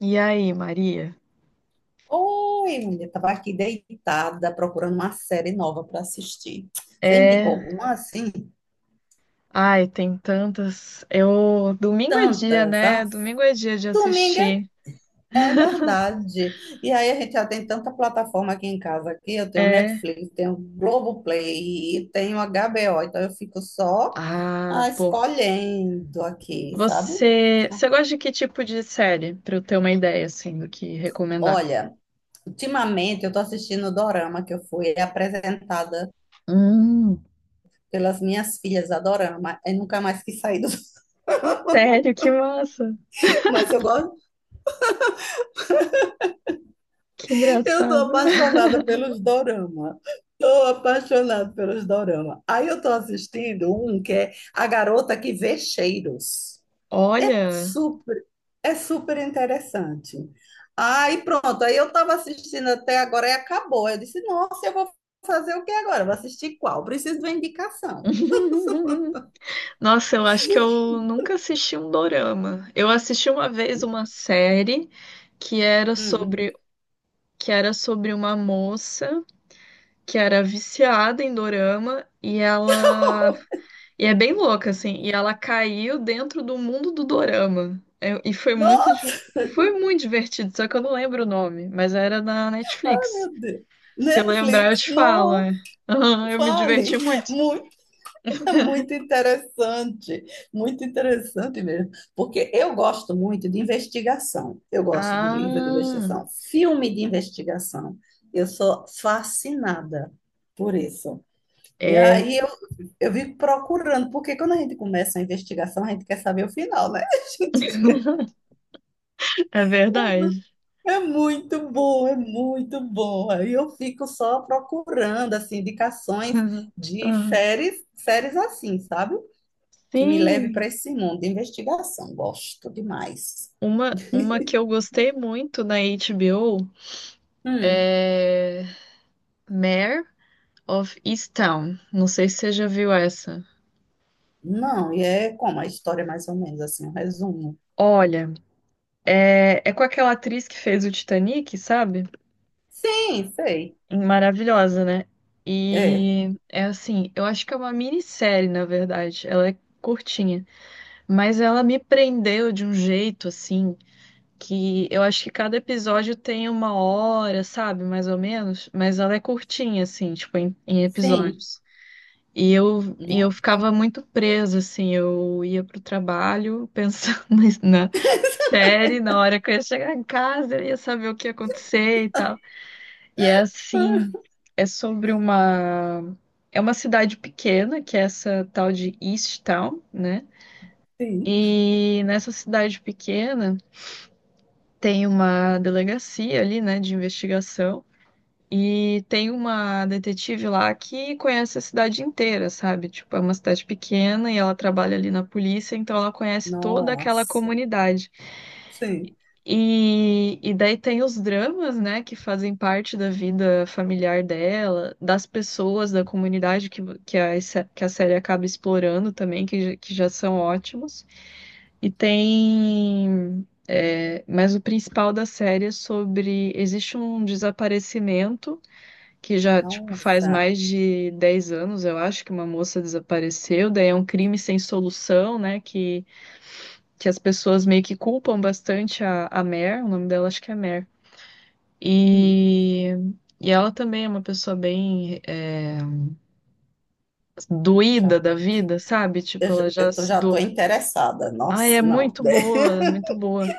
E aí, Maria? Oi, mulher, tava aqui deitada procurando uma série nova para assistir. Você indica É. alguma assim? Ai, tem tantas. Eu. Domingo é dia, Tantas. né? Domingo é dia de Domingo é assistir. é verdade. E aí a gente já tem tanta plataforma aqui em casa aqui. Eu tenho É. Netflix, tenho Globoplay e tenho HBO. Então eu fico só Ah, pô. escolhendo aqui, sabe? Você gosta de que tipo de série? Pra eu ter uma ideia, assim, do que recomendar. Olha, ultimamente eu tô assistindo o Dorama que eu fui apresentada Hum. pelas minhas filhas a Dorama. Eu nunca mais quis sair do Sério, que massa. mas eu gosto. Que Eu tô engraçado. apaixonada pelos dorama. Tô apaixonada pelos dorama. Aí eu tô assistindo um que é A Garota que Vê Cheiros. É Olha. super, é super interessante. Aí pronto, aí eu tava assistindo até agora e acabou. Eu disse, nossa, eu vou fazer o que agora? Vou assistir qual? Preciso de uma indicação. Nossa, eu acho que eu nunca assisti um dorama. Eu assisti uma vez uma série que era Hum. sobre. Que era sobre uma moça. Que era viciada em dorama e ela e é bem louca assim, e ela caiu dentro do mundo do dorama. É, e foi Nossa, foi muito divertido, só que eu não lembro o nome, mas era na Netflix. meu Deus. Se eu lembrar, eu Netflix, te falo. não, É. Eu me fale. diverti muito. Muito. Muito interessante, muito interessante mesmo, porque eu gosto muito de investigação, eu gosto de livro de Ah, investigação, filme de investigação, eu sou fascinada por isso. E é, eu vivo procurando, porque quando a gente começa a investigação, a gente quer saber o final, né? é verdade. A gente é muito bom, é muito bom. Aí eu fico só procurando, assim, indicações de Aham. séries, séries assim, sabe? Que me leve Sim, para esse mundo de investigação. Gosto demais. uma que eu gostei muito na HBO Hum, é Mare of Easttown. Não sei se você já viu essa. não, e é como a história, é mais ou menos assim, um resumo. Olha, é com aquela atriz que fez o Titanic, sabe? Sim, sei. Maravilhosa, né? É, E é assim, eu acho que é uma minissérie, na verdade. Ela é curtinha, mas ela me prendeu de um jeito assim que eu acho que cada episódio tem uma hora, sabe? Mais ou menos, mas ela é curtinha assim, tipo em sim. episódios. E eu, e eu Nossa, ficava muito presa, assim, eu ia pro trabalho pensando na série, na hora que eu ia chegar em casa, eu ia saber o que ia acontecer e tal. E é assim, é sobre uma. É uma cidade pequena, que é essa tal de East Town, né? sim. E nessa cidade pequena tem uma delegacia ali, né, de investigação. E tem uma detetive lá que conhece a cidade inteira, sabe? Tipo, é uma cidade pequena e ela trabalha ali na polícia, então ela conhece toda aquela Nossa, comunidade. sim. E daí tem os dramas, né, que fazem parte da vida familiar dela, das pessoas da comunidade que, a, se- que a série acaba explorando também, que já são ótimos. E tem. É, mas o principal da série é sobre. Existe um desaparecimento que já, tipo, faz Nossa. mais de 10 anos, eu acho, que uma moça desapareceu. Daí é um crime sem solução, né, que as pessoas meio que culpam bastante a Mer, o nome dela acho que é Mer Hum, e, e ela também é uma pessoa bem é, doída já, da vida, sabe? Tipo, ela já se já tô doou. interessada. Ai, é Nossa, não. muito boa, é muito boa.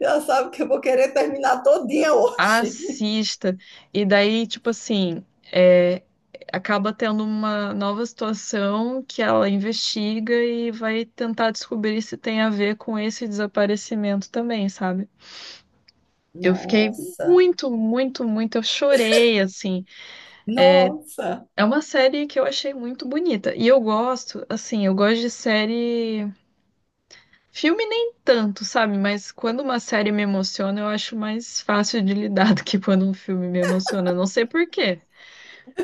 Já sabe que eu vou querer terminar todinha hoje. Assista. E daí, tipo assim, é, acaba tendo uma nova situação que ela investiga e vai tentar descobrir se tem a ver com esse desaparecimento também, sabe? Eu fiquei Nossa, muito, muito, muito. Eu chorei, assim. nossa. É uma série que eu achei muito bonita. E eu gosto, assim, eu gosto de série. Filme nem tanto, sabe? Mas quando uma série me emociona, eu acho mais fácil de lidar do que quando um filme me emociona. Eu não sei por quê.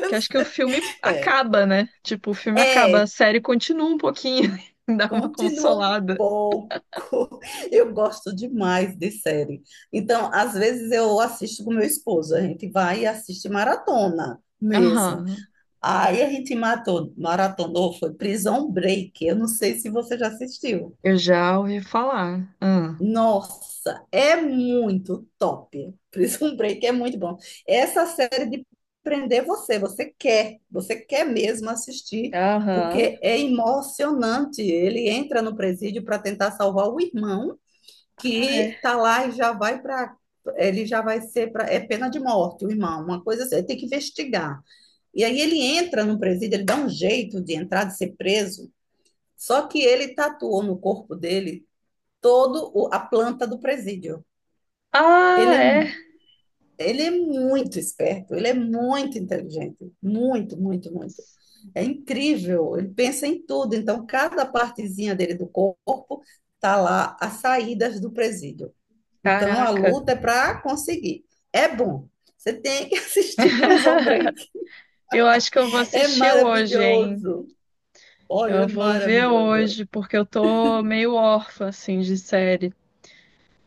Porque acho que o filme É, acaba, né? Tipo, o filme acaba, a é. série continua um pouquinho, dá uma Continua um consolada. pouco. Eu gosto demais de série. Então, às vezes eu assisto com meu esposo, a gente vai e assiste maratona mesmo. Aham. Aí a gente matou, maratonou, foi Prison Break. Eu não sei se você já assistiu. Eu já ouvi falar. Ah. Nossa, é muito top. Prison Break é muito bom. Essa série de prender você, você quer mesmo assistir, Aham. porque é emocionante. Ele entra no presídio para tentar salvar o irmão Ah, é. que tá lá e já vai para ele já vai ser para é pena de morte, o irmão, uma coisa assim, ele tem que investigar. E aí ele entra no presídio, ele dá um jeito de entrar, de ser preso, só que ele tatuou no corpo dele a planta do presídio. Ah, Ele é, é. mu- ele é muito esperto, ele é muito inteligente, muito, muito, muito. É incrível, ele pensa em tudo. Então, cada partezinha dele do corpo tá lá, as saídas do presídio. Então, a Caraca. luta é para conseguir. É bom. Você tem que assistir Prison Break. Eu acho que eu vou É assistir hoje, hein? maravilhoso. Olha, Eu é vou ver maravilhoso. hoje, porque eu tô meio órfã, assim, de série.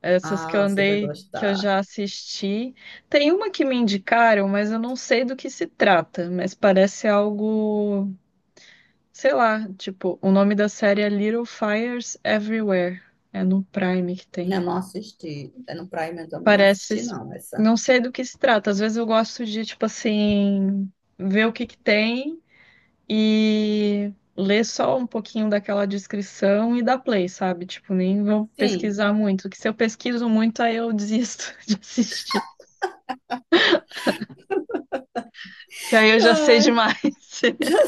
Essas que eu Ah, você vai andei, que eu gostar. já assisti. Tem uma que me indicaram, mas eu não sei do que se trata. Mas parece algo, sei lá, tipo, o nome da série é Little Fires Everywhere. É no Prime que tem. Não, não assisti. É no Prime, eu também não Parece, assisti, não, essa. não sei do que se trata. Às vezes eu gosto de, tipo assim, ver o que que tem e ler só um pouquinho daquela descrição e dar play, sabe? Tipo, nem vou Sim. pesquisar muito, que se eu pesquiso muito, aí eu desisto de assistir, que aí eu já sei Ai. demais.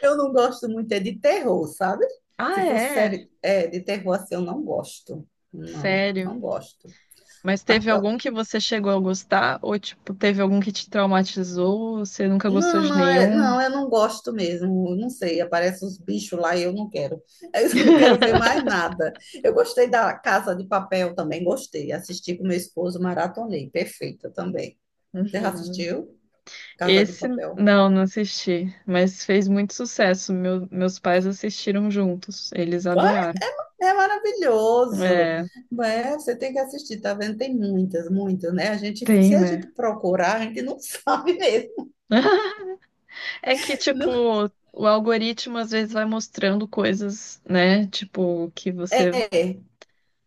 Eu não gosto muito é de terror, sabe? Ah, Se fosse é? série é, de terror assim, eu não gosto. Não, Sério? não gosto. Mas A- teve algum que você chegou a gostar? Ou, tipo, teve algum que te traumatizou? Você nunca gostou Não, de não, é, nenhum? não, eu não gosto mesmo. Eu não sei, aparecem os bichos lá e eu não quero. Eu não quero ver mais nada. Eu gostei da Casa de Papel também, gostei. Assisti com meu esposo, maratonei. Perfeita também. Você já Uhum. assistiu Casa de Esse, Papel? não, não assisti. Mas fez muito sucesso. Meus pais assistiram juntos. Eles adoraram. É maravilhoso, É, né? Você tem que assistir, tá vendo? Tem muitas, muitas, né? A gente, se tem, a gente né? procurar, a gente não sabe mesmo. É que, tipo, Não- o algoritmo às vezes vai mostrando coisas, né? Tipo, que você, é,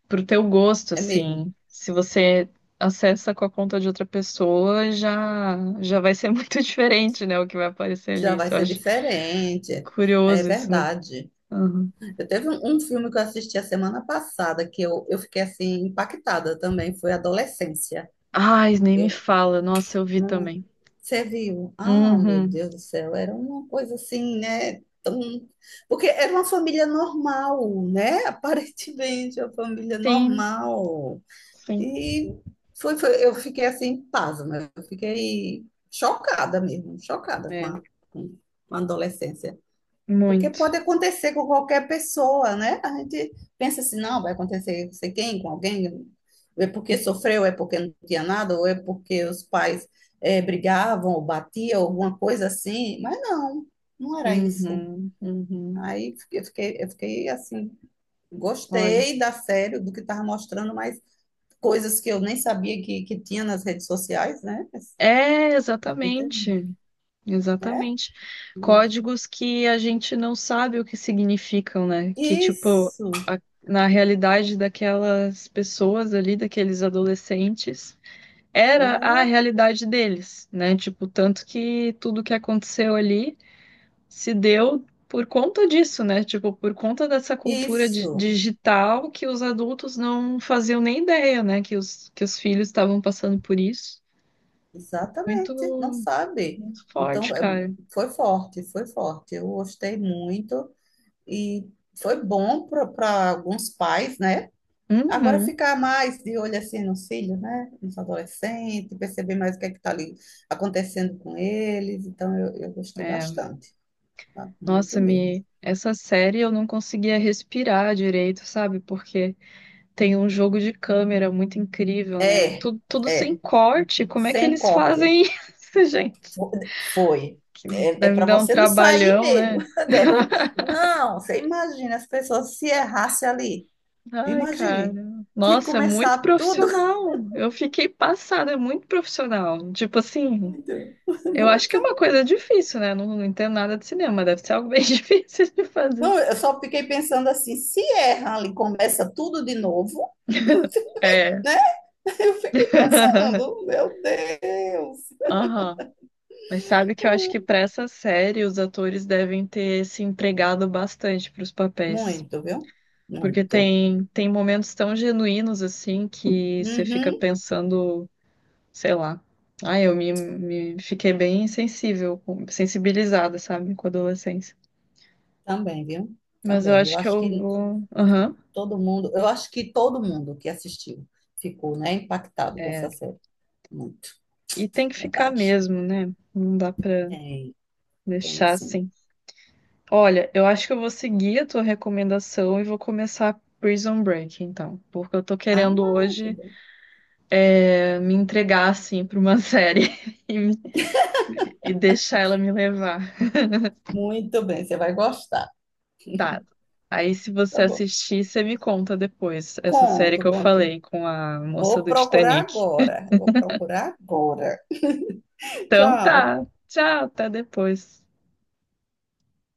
pro teu gosto, é mesmo. assim, se você acessa com a conta de outra pessoa, já vai ser muito diferente, né? O que vai aparecer Já ali. vai Isso eu ser acho diferente. É curioso isso, né? verdade. Uhum. Eu teve um, um filme que eu assisti a semana passada que eu fiquei assim impactada também, foi Adolescência. Ai, nem me fala. Nossa, eu vi Eu, também. você viu? Ah, meu Uhum. Deus do céu, era uma coisa assim, né? Tão... Porque era uma família normal, né? Aparentemente, uma família Sim, normal. sim. E eu fiquei assim, pasma, eu fiquei chocada mesmo, chocada com É, com a adolescência. Porque muito. pode acontecer com qualquer pessoa, né? A gente pensa assim, não, vai acontecer com sei quem, com alguém, é porque sofreu, é porque não tinha nada, ou é porque os pais brigavam, ou batiam, alguma coisa assim. Mas não, não era isso. Uhum, uhum. Aí eu fiquei assim, Olha. gostei da série, do que estava mostrando, mas coisas que eu nem sabia que tinha nas redes sociais, né? Essa É, coisa, exatamente. né? Exatamente. Códigos que a gente não sabe o que significam, né? Que, tipo, Isso, na realidade daquelas pessoas ali, daqueles adolescentes, era a né? realidade deles, né? Tipo, tanto que tudo que aconteceu ali se deu por conta disso, né? Tipo, por conta dessa cultura Isso. digital que os adultos não faziam nem ideia, né? Que que os filhos estavam passando por isso. Exatamente, não Muito, sabe. muito forte, Então, é, cara. foi forte, foi forte. Eu gostei muito e foi bom para alguns pais, né? Agora Uhum. ficar mais de olho assim nos filhos, né? Nos adolescentes, perceber mais o que é que está ali acontecendo com eles. Então, eu gostei É. bastante, tá? Muito Nossa, mesmo. me essa série eu não conseguia respirar direito, sabe? Porque tem um jogo de câmera muito incrível, né? É, Tudo, tudo sem é, corte. Como é que sem eles corte. fazem isso, gente? Fo- Foi. É, é Deve para dar um você não sair trabalhão, mesmo. né? Deve, não, você imagina as pessoas se errasse ali. Ai, cara. Imagine, tinha que Nossa, muito começar tudo. profissional. Eu fiquei passada, é muito profissional. Tipo assim, Muito, eu acho que é muito. uma coisa difícil, né? Não, não entendo nada de cinema, deve ser algo bem difícil de fazer. Não, eu só fiquei pensando assim, se erra ali, começa tudo de novo, É. né? Eu fiquei pensando, meu Deus. Aham. Mas sabe que eu acho que para essa série os atores devem ter se entregado bastante para os papéis. Muito, viu? Porque Muito. tem, tem momentos tão genuínos assim que você fica Uhum. pensando, sei lá. Ah, eu me, me fiquei bem sensível, sensibilizada, sabe, com a adolescência. Também, viu? Mas eu Também. Eu acho que acho eu que vou. Aham. todo mundo, eu acho que todo mundo que assistiu ficou, né, impactado com essa série. Muito, E tem que ficar verdade. mesmo, né? Não dá pra Tem, tem deixar sim. assim. Olha, eu acho que eu vou seguir a tua recomendação e vou começar Prison Break, então. Porque eu tô Ah, querendo que hoje bom. me entregar assim para uma série e, me- e deixar ela me levar. Muito bem, você vai gostar. Tá. Aí, se Tá você bom. assistir, você me conta depois essa série que Conto, eu conto. falei com a moça Vou do procurar Titanic. agora. Vou procurar agora. Então Tchau. tá. Tchau, até depois.